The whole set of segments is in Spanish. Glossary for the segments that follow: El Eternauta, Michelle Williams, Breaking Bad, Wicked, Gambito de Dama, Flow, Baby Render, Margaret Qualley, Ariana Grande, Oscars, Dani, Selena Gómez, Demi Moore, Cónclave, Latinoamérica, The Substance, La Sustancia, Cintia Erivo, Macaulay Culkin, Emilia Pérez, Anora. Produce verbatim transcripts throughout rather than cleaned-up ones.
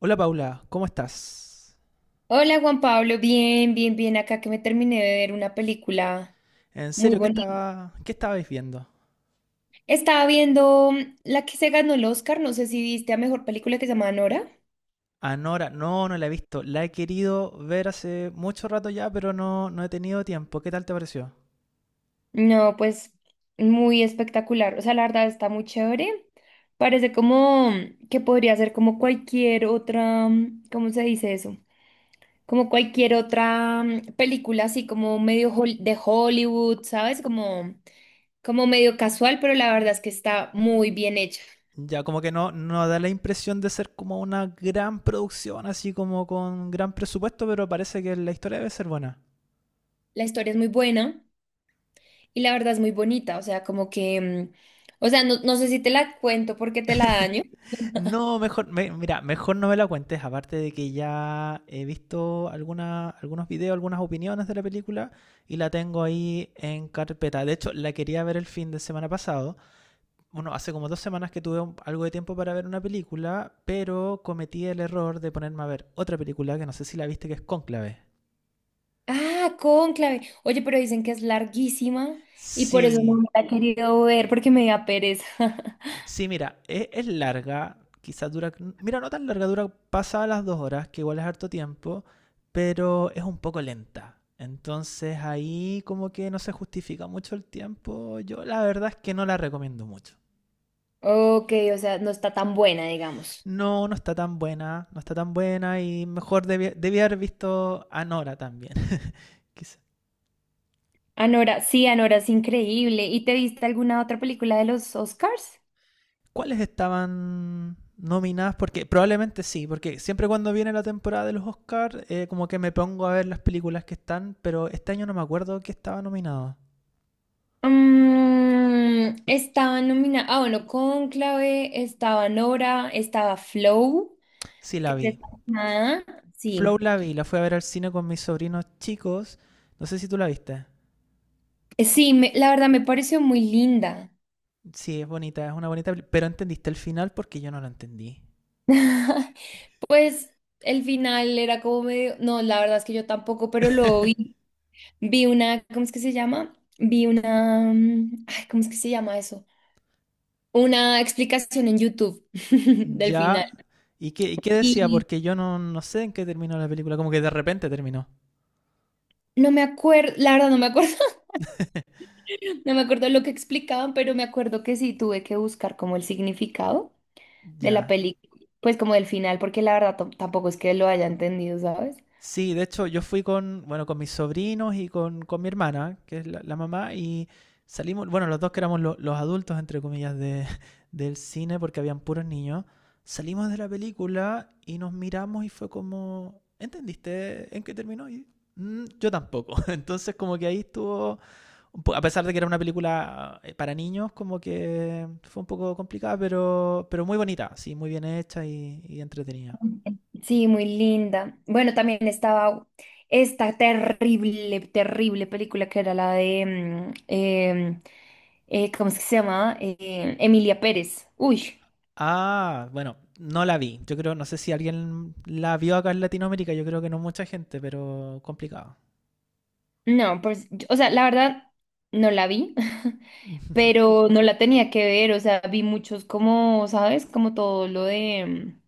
Hola Paula, ¿cómo estás? Hola Juan Pablo, bien, bien, bien, acá que me terminé de ver una película En muy serio, ¿qué bonita. estaba, qué estabais viendo? Estaba viendo mm, la que se ganó el Oscar, no sé si viste a mejor película que se llama Nora. Anora, no, no no la he visto. La he querido ver hace mucho rato ya, pero no, no he tenido tiempo. ¿Qué tal te pareció? No, pues muy espectacular, o sea, la verdad está muy chévere. Parece como mm, que podría ser como cualquier otra, mm, ¿cómo se dice eso? Como cualquier otra mm, película así como medio hol- de Hollywood, ¿sabes? Como, como medio casual, pero la verdad es que está muy bien hecha. Ya, como que no, no da la impresión de ser como una gran producción, así como con gran presupuesto, pero parece que la historia debe ser buena. La historia es muy buena y la verdad es muy bonita, o sea, como que, mm, o sea, no, no sé si te la cuento porque te la daño. No, mejor, me- mira, mejor no me la cuentes, aparte de que ya he visto alguna, algunos videos, algunas opiniones de la película y la tengo ahí en carpeta. De hecho, la quería ver el fin de semana pasado. Bueno, hace como dos semanas que tuve un- algo de tiempo para ver una película, pero cometí el error de ponerme a ver otra película que no sé si la viste, que es Cónclave. Ah, Cónclave. Oye, pero dicen que es larguísima y por eso no Sí, me la he querido ver porque me da pereza. Sí, mira, es, es larga, quizás dura, mira, no tan larga, dura pasada las dos horas, que igual es harto tiempo, pero es un poco lenta. Entonces ahí como que no se justifica mucho el tiempo. Yo la verdad es que no la recomiendo mucho. Ok, o sea, no está tan buena, digamos. No, no está tan buena, no está tan buena y mejor debía, debía haber visto Anora también, quizás. Anora, sí, Anora es increíble. ¿Y te viste alguna otra película de los Oscars? ¿Cuáles estaban nominadas? Porque probablemente sí, porque siempre cuando viene la temporada de los Oscars, eh, como que me pongo a ver las películas que están, pero este año no me acuerdo que estaba nominada. Mm, estaba nominada, ah, bueno, Cónclave, estaba Nora, estaba Flow, Sí, que la es vi. esta- Ah, Flow sí. la vi, la fui a ver al cine con mis sobrinos chicos. No sé si tú la viste. Eh, sí, me- la verdad me pareció muy linda. Sí, es bonita, es una bonita peli- pero entendiste el final porque yo no lo entendí. Pues el final era como medio, no, la verdad es que yo tampoco, pero luego vi, vi una, ¿cómo es que se llama? Vi una, mm, ay, ¿cómo es que se llama eso? Una explicación en YouTube del final. Ya. ¿Y qué, y qué decía? Y Porque yo no, no sé en qué terminó la película, como que de repente terminó. no me acuerdo, la verdad no me acuerdo, no me acuerdo lo que explicaban, pero me acuerdo que sí tuve que buscar como el significado de la Ya. película, pues como del final, porque la verdad tam- tampoco es que lo haya entendido, ¿sabes? Sí, de hecho yo fui con, bueno, con mis sobrinos y con, con mi hermana, que es la, la mamá, y salimos, bueno, los dos que éramos lo- los adultos, entre comillas, de, del cine, porque habían puros niños, salimos de la película y nos miramos y fue como, ¿entendiste en qué terminó? Y, "Mm, yo tampoco. Entonces como que ahí estuvo, un po- a pesar de que era una película eh, para niños, como que fue un poco complicada, pero, pero muy bonita, sí, muy bien hecha y, y entretenida. Sí, muy linda. Bueno, también estaba esta terrible, terrible película que era la de, mm, em, eh, ¿cómo es que se llama? Emilia Pérez. Uy, Ah, bueno, no la vi. Yo creo, no sé si alguien la vio acá en Latinoamérica, yo creo que no mucha gente, pero complicado. no, pues, yo- o sea, la verdad, no la vi, pero no la tenía que ver, o sea, vi muchos como, ¿sabes? Como todo lo de... mm,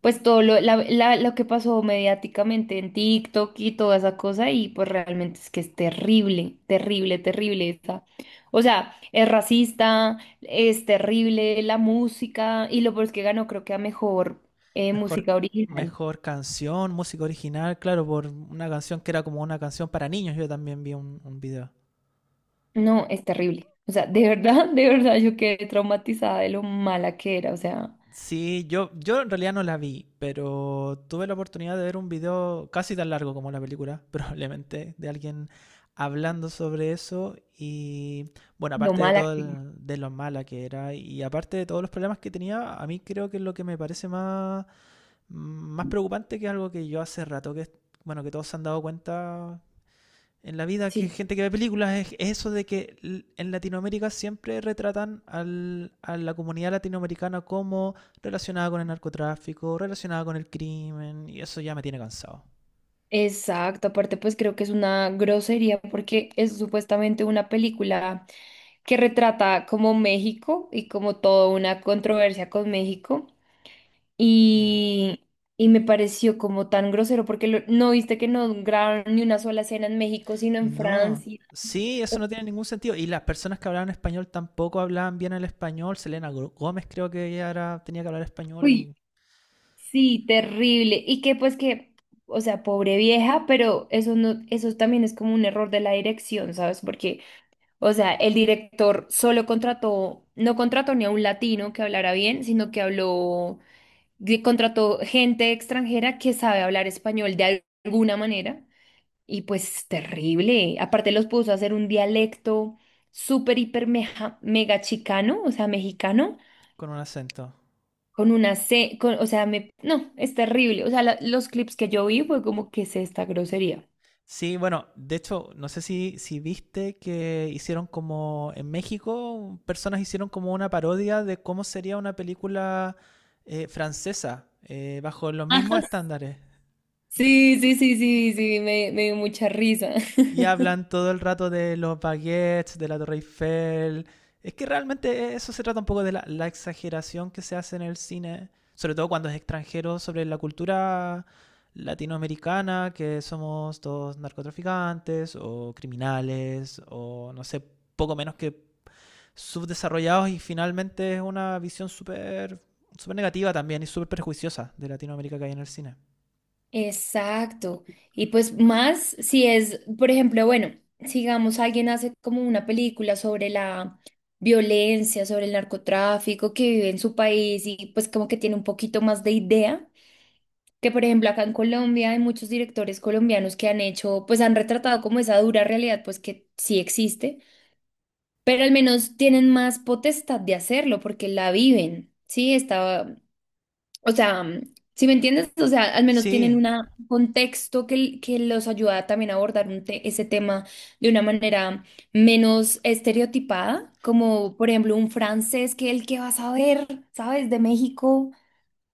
pues todo lo, la- la- lo que pasó mediáticamente en TikTok y toda esa cosa, y pues realmente es que es terrible, terrible, terrible esta. O sea, es racista, es terrible la música, y lo peor es que ganó, creo que a mejor eh, Mejor, música original. mejor canción, música original, claro, por una canción que era como una canción para niños, yo también vi un, un video. No, es terrible. O sea, de verdad, de verdad, yo quedé traumatizada de lo mala que era, o sea, Sí, yo, yo en realidad no la vi, pero tuve la oportunidad de ver un video casi tan largo como la película, probablemente, de alguien hablando sobre eso y bueno, lo aparte de mala todo que era. el- de lo mala que era y aparte de todos los problemas que tenía, a mí creo que lo que me parece más, más preocupante que es algo que yo hace rato que, bueno, que todos se han dado cuenta en la vida que Sí. gente que ve películas es eso de que en Latinoamérica siempre retratan al- a la comunidad latinoamericana como relacionada con el narcotráfico, relacionada con el crimen, y eso ya me tiene cansado. Exacto, aparte pues creo que es una grosería porque es supuestamente una película que retrata como México y como toda una controversia con México Ya. y, y me pareció como tan grosero porque lo- no viste que no grabaron ni una sola escena en México sino en No, Francia. sí, eso no tiene ningún sentido. Y las personas que hablaban español tampoco hablaban bien el español. Selena Gro- Gómez creo que ella era, tenía que hablar español Uy, y sí, terrible. Y que pues que, o sea, pobre vieja, pero eso no, eso también es como un error de la dirección, ¿sabes? Porque o sea, el director solo contrató, no contrató ni a un latino que hablara bien, sino que habló, que contrató gente extranjera que sabe hablar español de al- alguna manera. Y pues terrible. Aparte los puso a hacer un dialecto súper, hiper, meja- mega chicano, o sea, mexicano, con un acento. con una C, con, o sea, me, no, es terrible. O sea, la- los clips que yo vi fue como, ¿que es esta grosería? Sí, bueno, de hecho, no sé si, si viste que hicieron como en México, personas hicieron como una parodia de cómo sería una película eh, francesa, eh, bajo los Ajá. mismos estándares. Sí, sí, sí, sí, sí, me, me dio mucha risa. Y hablan todo el rato de los baguettes, de la Torre Eiffel. Es que realmente e-, eso se trata un poco de la, la exageración que se hace en el cine, sobre todo cuando es extranjero, sobre la cultura latinoamericana, que somos todos narcotraficantes o criminales o no sé, poco menos que subdesarrollados y finalmente es una visión súper súper negativa también y súper perjuiciosa de Latinoamérica que hay en el cine. Exacto. Y pues más si es, por ejemplo, bueno, sigamos, alguien hace como una película sobre la violencia, sobre el narcotráfico que vive en su país y pues como que tiene un poquito más de idea, que por ejemplo acá en Colombia hay muchos directores colombianos que han hecho, pues han retratado como esa dura realidad, pues que sí existe, pero al menos tienen más potestad de hacerlo porque la viven. Sí, está, o sea, ¿si me entiendes? O sea, al menos tienen Sí, una- un contexto que, que los ayuda también a abordar un te- ese tema de una manera menos estereotipada, como por ejemplo un francés que el que va a saber, ¿sabes? De México.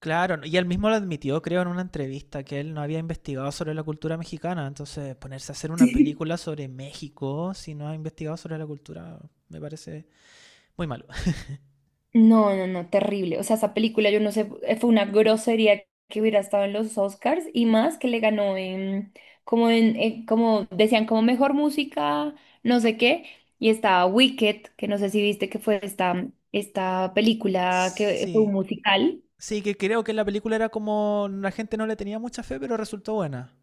Claro, ¿no? Y él mismo lo admitió, creo, en una entrevista, que él no había investigado sobre la cultura mexicana. Entonces, ponerse a hacer una película sobre México si no ha investigado sobre la cultura me parece muy malo. No, no, no, terrible. O sea, esa película, yo no sé, eh, fue una grosería que hubiera estado en los Oscars y más que le ganó en, como en, eh, como decían, como mejor música, no sé qué. Y estaba Wicked, que no sé si viste que fue esta, esta película que fue un Sí, musical. sí, que creo que la película era como la gente no le tenía mucha fe, pero resultó buena.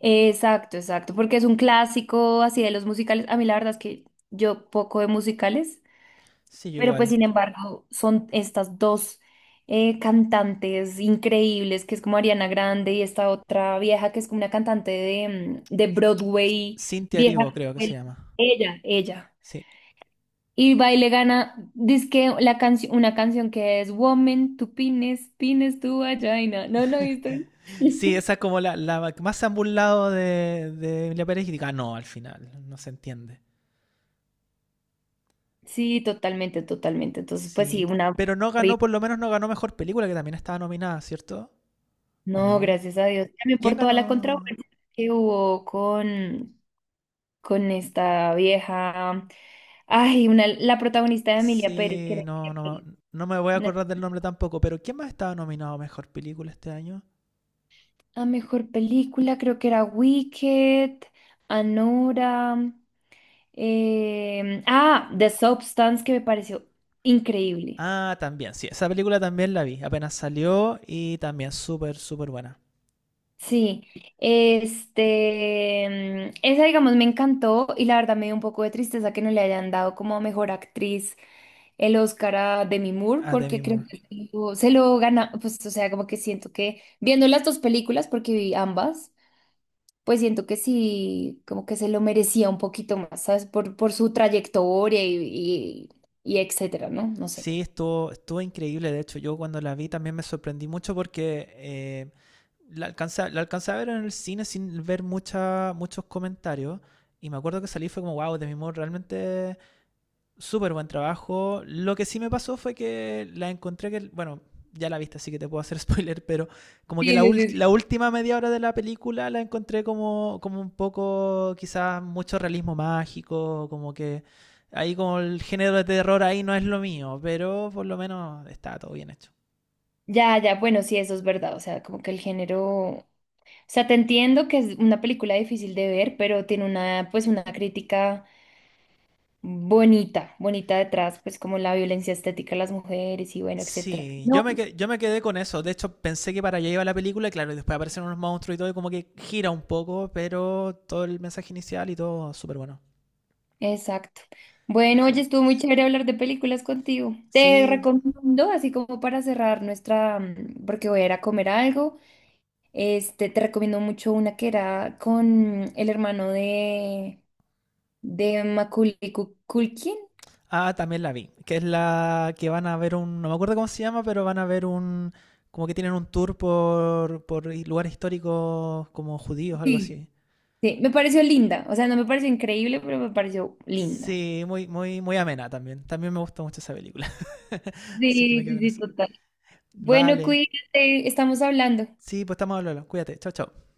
Exacto, exacto, porque es un clásico así de los musicales. A mí la verdad es que yo poco de musicales. Sí, yo Pero pues igual. sin embargo son estas dos eh, cantantes increíbles, que es como Ariana Grande y esta otra vieja que es como una cantante de, mm, de Broadway, Cintia vieja Erivo, creo que se escuela. llama. Ella, ella. Sí, Y va y le gana, dizque la canción, una canción que es Woman, tu pines, pines tu vagina. ¿No lo viste? sí, esa es como la, la más ambulado de, de Emilia Pérez y diga, "Ah, no, al final, no se entiende." Sí, totalmente, totalmente. Entonces, pues sí, Sí, una... pero no ganó, horrible. por lo menos no ganó mejor película, que también estaba nominada, ¿cierto? ¿O No, no? gracias a Dios. ¿Y También ¿Quién por toda la ganó? controversia que hubo con, con esta vieja. Ay, una, la protagonista de Emilia Pérez, que Sí, era no, Emilia no, Pérez. no me voy a Una- acordar del nombre tampoco, pero ¿quién más estaba nominado a mejor película este año? la mejor película, creo que era Wicked, Anora. em, ah, The Substance, que me pareció increíble. Ah, también, sí, esa película también la vi, apenas salió y también súper, súper buena. Sí, este, mm, esa digamos me encantó y la verdad me dio un poco de tristeza que no le hayan dado como mejor actriz el Oscar a Demi Moore A Demi porque creo Moore. que se lo, se lo gana, pues o sea, como que siento que viendo las dos películas porque vi ambas, pues siento que sí, como que se lo merecía un poquito más, ¿sabes? Por, por su trayectoria y, y, y etcétera, ¿no? No sé. Sí, estuvo, estuvo increíble, de hecho, yo cuando la vi también me sorprendí mucho porque eh, la alcancé, la alcancé a ver en el cine sin ver mucha, muchos comentarios. Y me acuerdo que salí fue como, wow, de mi modo realmente súper buen trabajo. Lo que sí me pasó fue que la encontré que, bueno, ya la viste, así que te puedo hacer spoiler, pero como Sí, que la, sí, ult- sí. Sí. la última media hora de la película la encontré como, como un poco, quizás mucho realismo mágico, como que ahí como el género de terror ahí no es lo mío, pero por lo menos está todo bien hecho. Ya, ya, bueno, sí, eso es verdad, o sea, como que el género... O sea, te entiendo que es una película difícil de ver, pero tiene una, pues, una crítica bonita, bonita detrás, pues como la violencia estética de las mujeres y bueno, etcétera. Sí, yo No. me, que- yo me quedé con eso. De hecho, pensé que para allá iba la película, y claro, y después aparecen unos monstruos y todo, y como que gira un poco, pero todo el mensaje inicial y todo súper bueno. Exacto. Bueno, Sí. oye, estuvo muy chévere hablar de películas contigo. Te Sí, recomiendo, así como para cerrar nuestra, mm, porque voy a ir a comer algo, este, te recomiendo mucho una que era con el hermano de, de Macaulay Cu- Culkin. ah, también la vi, que es la que van a ver un, no me acuerdo cómo se llama, pero van a ver un, como que tienen un tour por, por lugares históricos como judíos, algo Sí, así. sí, me pareció linda. O sea, no me pareció increíble, pero me pareció linda. Sí, muy, muy, muy amena también. También me gusta mucho esa película, Sí, así que me quedo sí, con sí, eso. total. Bueno, Vale, cuídate, estamos hablando. sí, pues estamos hablando. Cuídate, chao, chao.